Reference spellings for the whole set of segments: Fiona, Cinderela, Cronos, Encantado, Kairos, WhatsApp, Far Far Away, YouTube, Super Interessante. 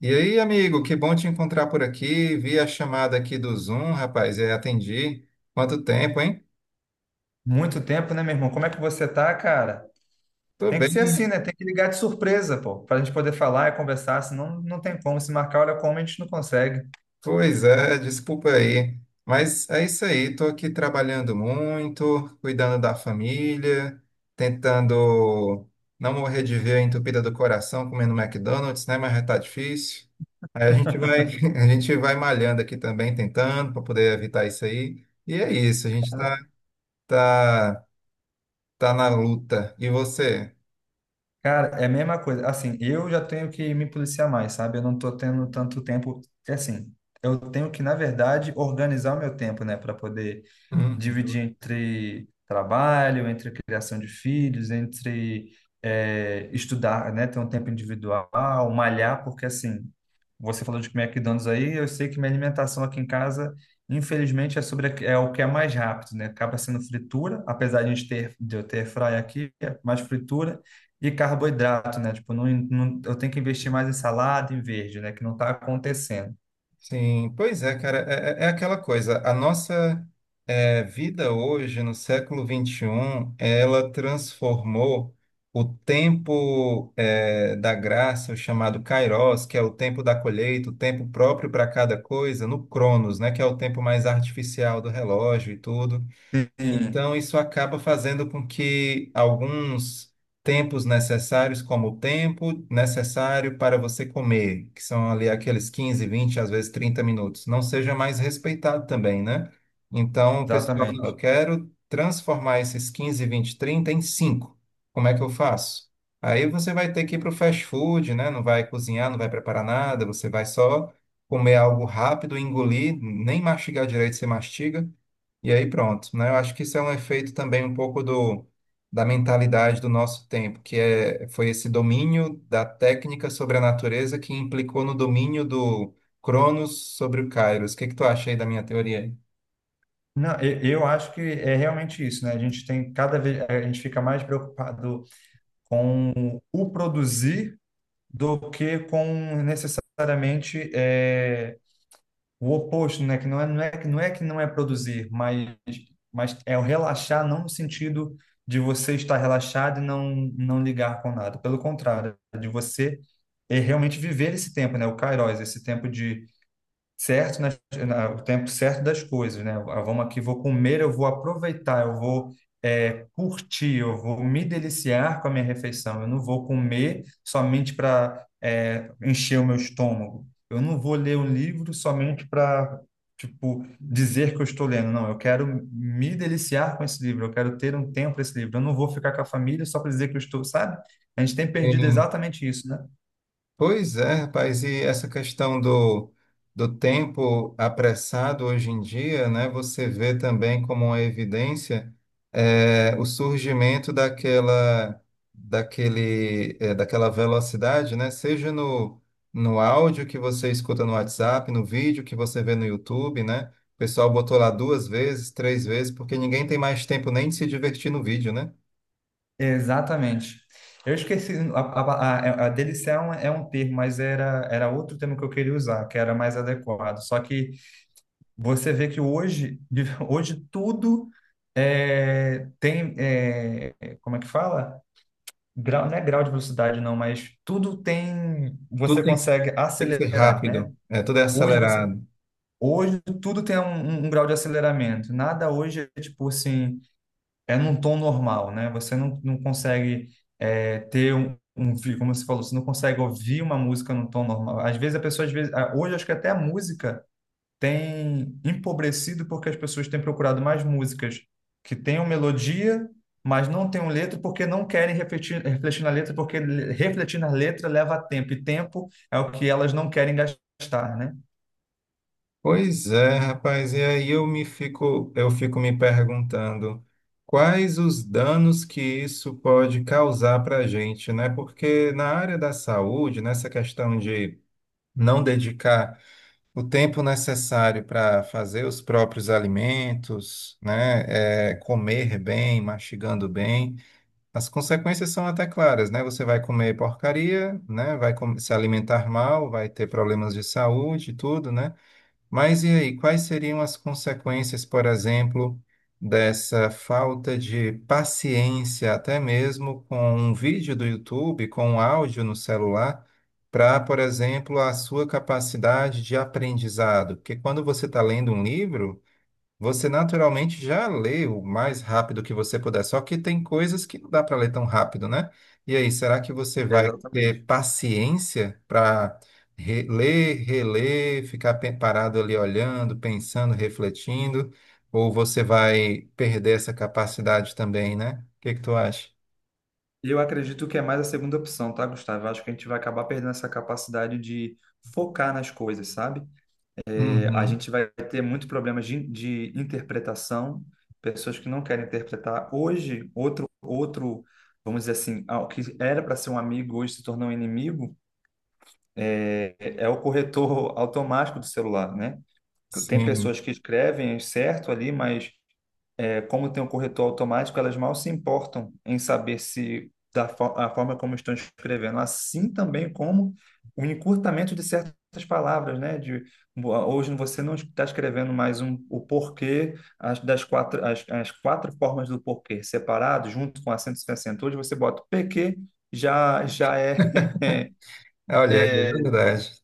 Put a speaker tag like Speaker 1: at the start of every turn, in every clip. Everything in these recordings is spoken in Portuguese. Speaker 1: E aí, amigo, que bom te encontrar por aqui. Vi a chamada aqui do Zoom, rapaz, e atendi. Quanto tempo, hein?
Speaker 2: Muito tempo, né, meu irmão? Como é que você tá, cara?
Speaker 1: Tô
Speaker 2: Tem que ser
Speaker 1: bem.
Speaker 2: assim, né? Tem que ligar de surpresa, pô, pra gente poder falar e conversar, senão não tem como. Se marcar, olha como a gente não consegue.
Speaker 1: Pois é, desculpa aí. Mas é isso aí, tô aqui trabalhando muito, cuidando da família, tentando não morrer de veia entupida do coração comendo McDonald's, né? Mas já tá difícil. Aí a gente vai, a gente vai malhando aqui também, tentando para poder evitar isso aí. E é isso, a gente tá, tá na luta. E você?
Speaker 2: Cara, é a mesma coisa. Assim, eu já tenho que me policiar mais, sabe? Eu não tô tendo tanto tempo. É assim, eu tenho que, na verdade, organizar o meu tempo, né, para poder dividir
Speaker 1: Uhum.
Speaker 2: entre trabalho, entre criação de filhos, entre estudar, né, ter um tempo individual, malhar, porque assim, você falou de McDonald's aí, eu sei que minha alimentação aqui em casa, infelizmente, é o que é mais rápido, né? Acaba sendo fritura, apesar de a gente ter de eu ter fry aqui, é mais fritura e carboidrato, né? Tipo, eu tenho que investir mais em salada, em verde, né? Que não está acontecendo.
Speaker 1: Sim, pois é, cara, é aquela coisa. A nossa vida hoje, no século 21 ela transformou o tempo da graça, o chamado Kairos, que é o tempo da colheita, o tempo próprio para cada coisa, no Cronos, né, que é o tempo mais artificial do relógio e tudo.
Speaker 2: Sim.
Speaker 1: Então, isso acaba fazendo com que alguns tempos necessários, como o tempo necessário para você comer, que são ali aqueles 15, 20, às vezes 30 minutos, não seja mais respeitado também, né? Então, o pessoal, não,
Speaker 2: Exatamente.
Speaker 1: eu quero transformar esses 15, 20, 30 em 5. Como é que eu faço? Aí você vai ter que ir para o fast food, né? Não vai cozinhar, não vai preparar nada, você vai só comer algo rápido, engolir, nem mastigar direito, você mastiga e aí pronto, né? Eu acho que isso é um efeito também um pouco da mentalidade do nosso tempo, que é, foi esse domínio da técnica sobre a natureza que implicou no domínio do Cronos sobre o Kairos. O que que tu acha aí da minha teoria?
Speaker 2: Não, eu acho que é realmente isso, né? A gente tem cada vez, a gente fica mais preocupado com o produzir do que com necessariamente o oposto, né? Que não é, não é, que- não é que não é produzir, mas é o relaxar, não no sentido de você estar relaxado e não, não ligar com nada. Pelo contrário, é de você realmente viver esse tempo, né? O Kairos, esse tempo de certo nas- o tempo certo das coisas, né? Ah, vamos aqui, vou comer, eu vou aproveitar, eu vou curtir, eu vou me deliciar com a minha refeição. Eu não vou comer somente para encher o meu estômago. Eu não vou ler um livro somente para tipo dizer que eu estou lendo. Não, eu quero me deliciar com esse livro. Eu quero ter um tempo para esse livro. Eu não vou ficar com a família só para dizer que eu estou, sabe? A gente tem perdido exatamente isso, né?
Speaker 1: Pois é, rapaz, e essa questão do tempo apressado hoje em dia, né, você vê também como uma evidência o surgimento daquela velocidade, né, seja no áudio que você escuta no WhatsApp, no vídeo que você vê no YouTube, né, o pessoal botou lá duas vezes, três vezes, porque ninguém tem mais tempo nem de se divertir no vídeo, né?
Speaker 2: Exatamente. Eu esqueci, a delição é um termo, mas era outro termo que eu queria usar, que era mais adequado. Só que você vê que hoje, hoje tudo é, tem, é, como é que fala? Grau, não é grau de velocidade, não, mas tudo tem, você
Speaker 1: Tudo
Speaker 2: consegue
Speaker 1: tem que ser
Speaker 2: acelerar, né?
Speaker 1: rápido, tudo é
Speaker 2: Hoje você,
Speaker 1: acelerado.
Speaker 2: hoje tudo tem um, um grau de aceleramento. Nada hoje é tipo assim, é num tom normal, né? Você não, não consegue ter um, como você falou, você não consegue ouvir uma música num tom normal. Às vezes a pessoa, às vezes, ah, hoje acho que até a música tem empobrecido porque as pessoas têm procurado mais músicas que tenham melodia, mas não tenham letra porque não querem refletir, refletir na letra, porque refletir na letra leva tempo, e tempo é o que elas não querem gastar, né?
Speaker 1: Pois é, rapaz, e aí eu fico me perguntando quais os danos que isso pode causar para a gente, né? Porque na área da saúde, nessa questão de não dedicar o tempo necessário para fazer os próprios alimentos, né? É, comer bem, mastigando bem, as consequências são até claras, né? Você vai comer porcaria, né? Se alimentar mal, vai ter problemas de saúde, e tudo, né? Mas e aí, quais seriam as consequências, por exemplo, dessa falta de paciência, até mesmo com um vídeo do YouTube, com um áudio no celular, para, por exemplo, a sua capacidade de aprendizado? Porque quando você está lendo um livro. Você naturalmente já lê o mais rápido que você puder, só que tem coisas que não dá para ler tão rápido, né? E aí, será que você vai
Speaker 2: Exatamente.
Speaker 1: ter paciência para ler, reler, ficar parado ali olhando, pensando, refletindo? Ou você vai perder essa capacidade também, né? O que que tu acha?
Speaker 2: Eu acredito que é mais a segunda opção, tá, Gustavo? Eu acho que a gente vai acabar perdendo essa capacidade de focar nas coisas, sabe? É, a
Speaker 1: Uhum,
Speaker 2: gente vai ter muito problemas de interpretação, pessoas que não querem interpretar. Hoje, vamos dizer assim, ah, o que era para ser um amigo hoje se tornou um inimigo, é o corretor automático do celular, né? Tem
Speaker 1: sim.
Speaker 2: pessoas que escrevem certo ali, mas é, como tem um corretor automático, elas mal se importam em saber se da fo- a forma como estão escrevendo, assim também como o encurtamento de certas palavras, né? De hoje você não está escrevendo mais o porquê as quatro formas do porquê separado, junto com acento e sem acento. Hoje você bota o PQ já já é
Speaker 1: Olha, é
Speaker 2: é,
Speaker 1: verdade.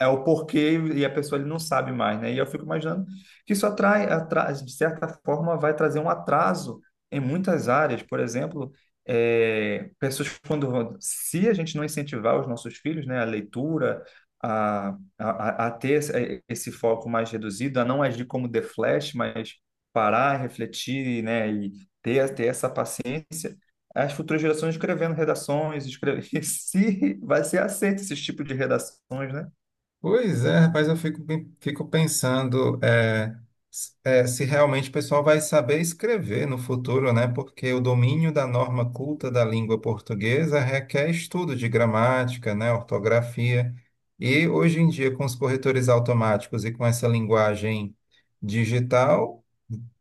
Speaker 2: é o porquê e a pessoa ele não sabe mais, né? E eu fico imaginando que isso de certa forma, vai trazer um atraso em muitas áreas. Por exemplo, pessoas se a gente não incentivar os nossos filhos, né, a leitura, a, a ter esse foco mais reduzido, a não agir como The Flash, mas parar, refletir, né, e ter essa paciência. As futuras gerações escrevendo redações, escreve... se vai ser aceito esse tipo de redações, né?
Speaker 1: Pois é, rapaz, fico pensando se realmente o pessoal vai saber escrever no futuro, né? Porque o domínio da norma culta da língua portuguesa requer estudo de gramática, né? Ortografia. E hoje em dia, com os corretores automáticos e com essa linguagem digital,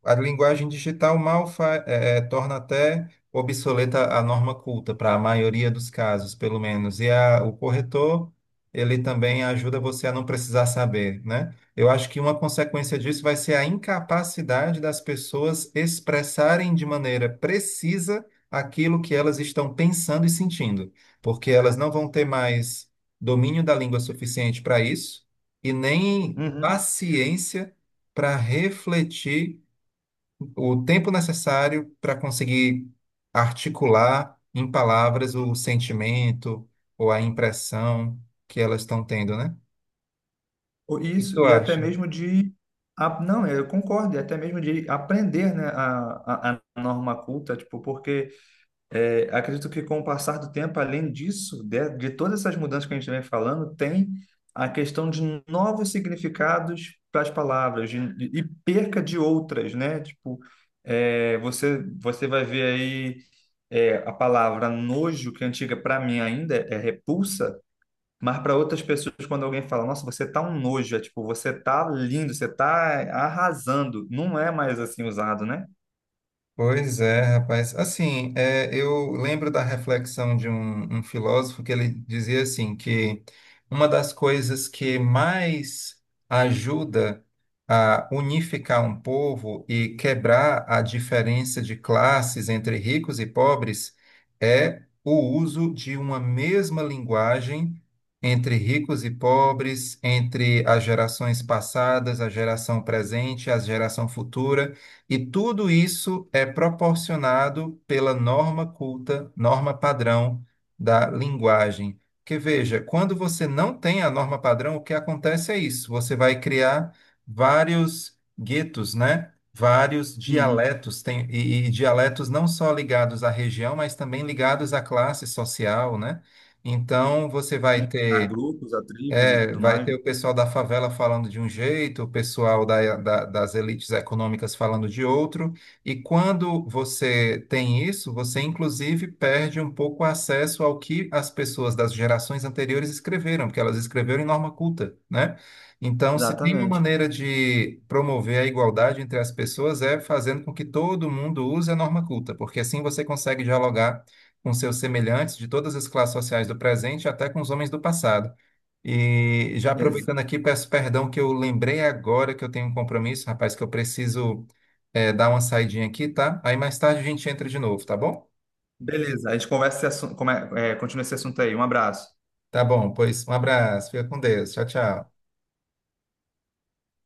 Speaker 1: a linguagem digital mal fa- eh, eh, torna até obsoleta a norma culta, para a maioria dos casos, pelo menos. O corretor, ele também ajuda você a não precisar saber, né? Eu acho que uma consequência disso vai ser a incapacidade das pessoas expressarem de maneira precisa aquilo que elas estão pensando e sentindo, porque elas não vão ter mais domínio da língua suficiente para isso e nem
Speaker 2: Uhum.
Speaker 1: paciência para refletir o tempo necessário para conseguir articular em palavras o sentimento ou a impressão que elas estão tendo, né? O que
Speaker 2: Isso,
Speaker 1: tu
Speaker 2: e até
Speaker 1: acha?
Speaker 2: mesmo de. Não, eu concordo, e até mesmo de aprender, né, a norma culta, tipo, porque é, acredito que com o passar do tempo, além disso, de todas essas mudanças que a gente vem falando, tem a questão de novos significados para as palavras e perca de outras, né? Tipo, é, você vai ver aí é, a palavra nojo, que é antiga para mim ainda é repulsa. Mas para outras pessoas, quando alguém fala, nossa, você tá um nojo, é tipo, você tá lindo, você tá arrasando. Não é mais assim usado, né?
Speaker 1: Pois é, rapaz. Assim, é, eu lembro da reflexão de um filósofo que ele dizia assim que uma das coisas que mais ajuda a unificar um povo e quebrar a diferença de classes entre ricos e pobres é o uso de uma mesma linguagem entre ricos e pobres, entre as gerações passadas, a geração presente, a geração futura. E tudo isso é proporcionado pela norma culta, norma padrão da linguagem. Porque veja, quando você não tem a norma padrão, o que acontece é isso: você vai criar vários guetos, né? Vários
Speaker 2: Uhum.
Speaker 1: dialetos, tem, e dialetos não só ligados à região, mas também ligados à classe social, né? Então, você vai
Speaker 2: A
Speaker 1: ter
Speaker 2: grupos, a tribos e
Speaker 1: é,
Speaker 2: tudo
Speaker 1: vai
Speaker 2: mais.
Speaker 1: ter o pessoal da favela falando de um jeito, o pessoal das elites econômicas falando de outro, e quando você tem isso, você inclusive perde um pouco o acesso ao que as pessoas das gerações anteriores escreveram, porque elas escreveram em norma culta, né? Então, se tem uma
Speaker 2: Exatamente.
Speaker 1: maneira de promover a igualdade entre as pessoas é fazendo com que todo mundo use a norma culta, porque assim você consegue dialogar com seus semelhantes de todas as classes sociais do presente até com os homens do passado. E já
Speaker 2: Ex-
Speaker 1: aproveitando aqui, peço perdão que eu lembrei agora que eu tenho um compromisso, rapaz, que eu preciso dar uma saidinha aqui, tá? Aí mais tarde a gente entra de novo, tá bom?
Speaker 2: Beleza, a gente conversa esse assunto, continua esse assunto aí. Um abraço.
Speaker 1: Tá bom, pois um abraço, fica com Deus, tchau, tchau.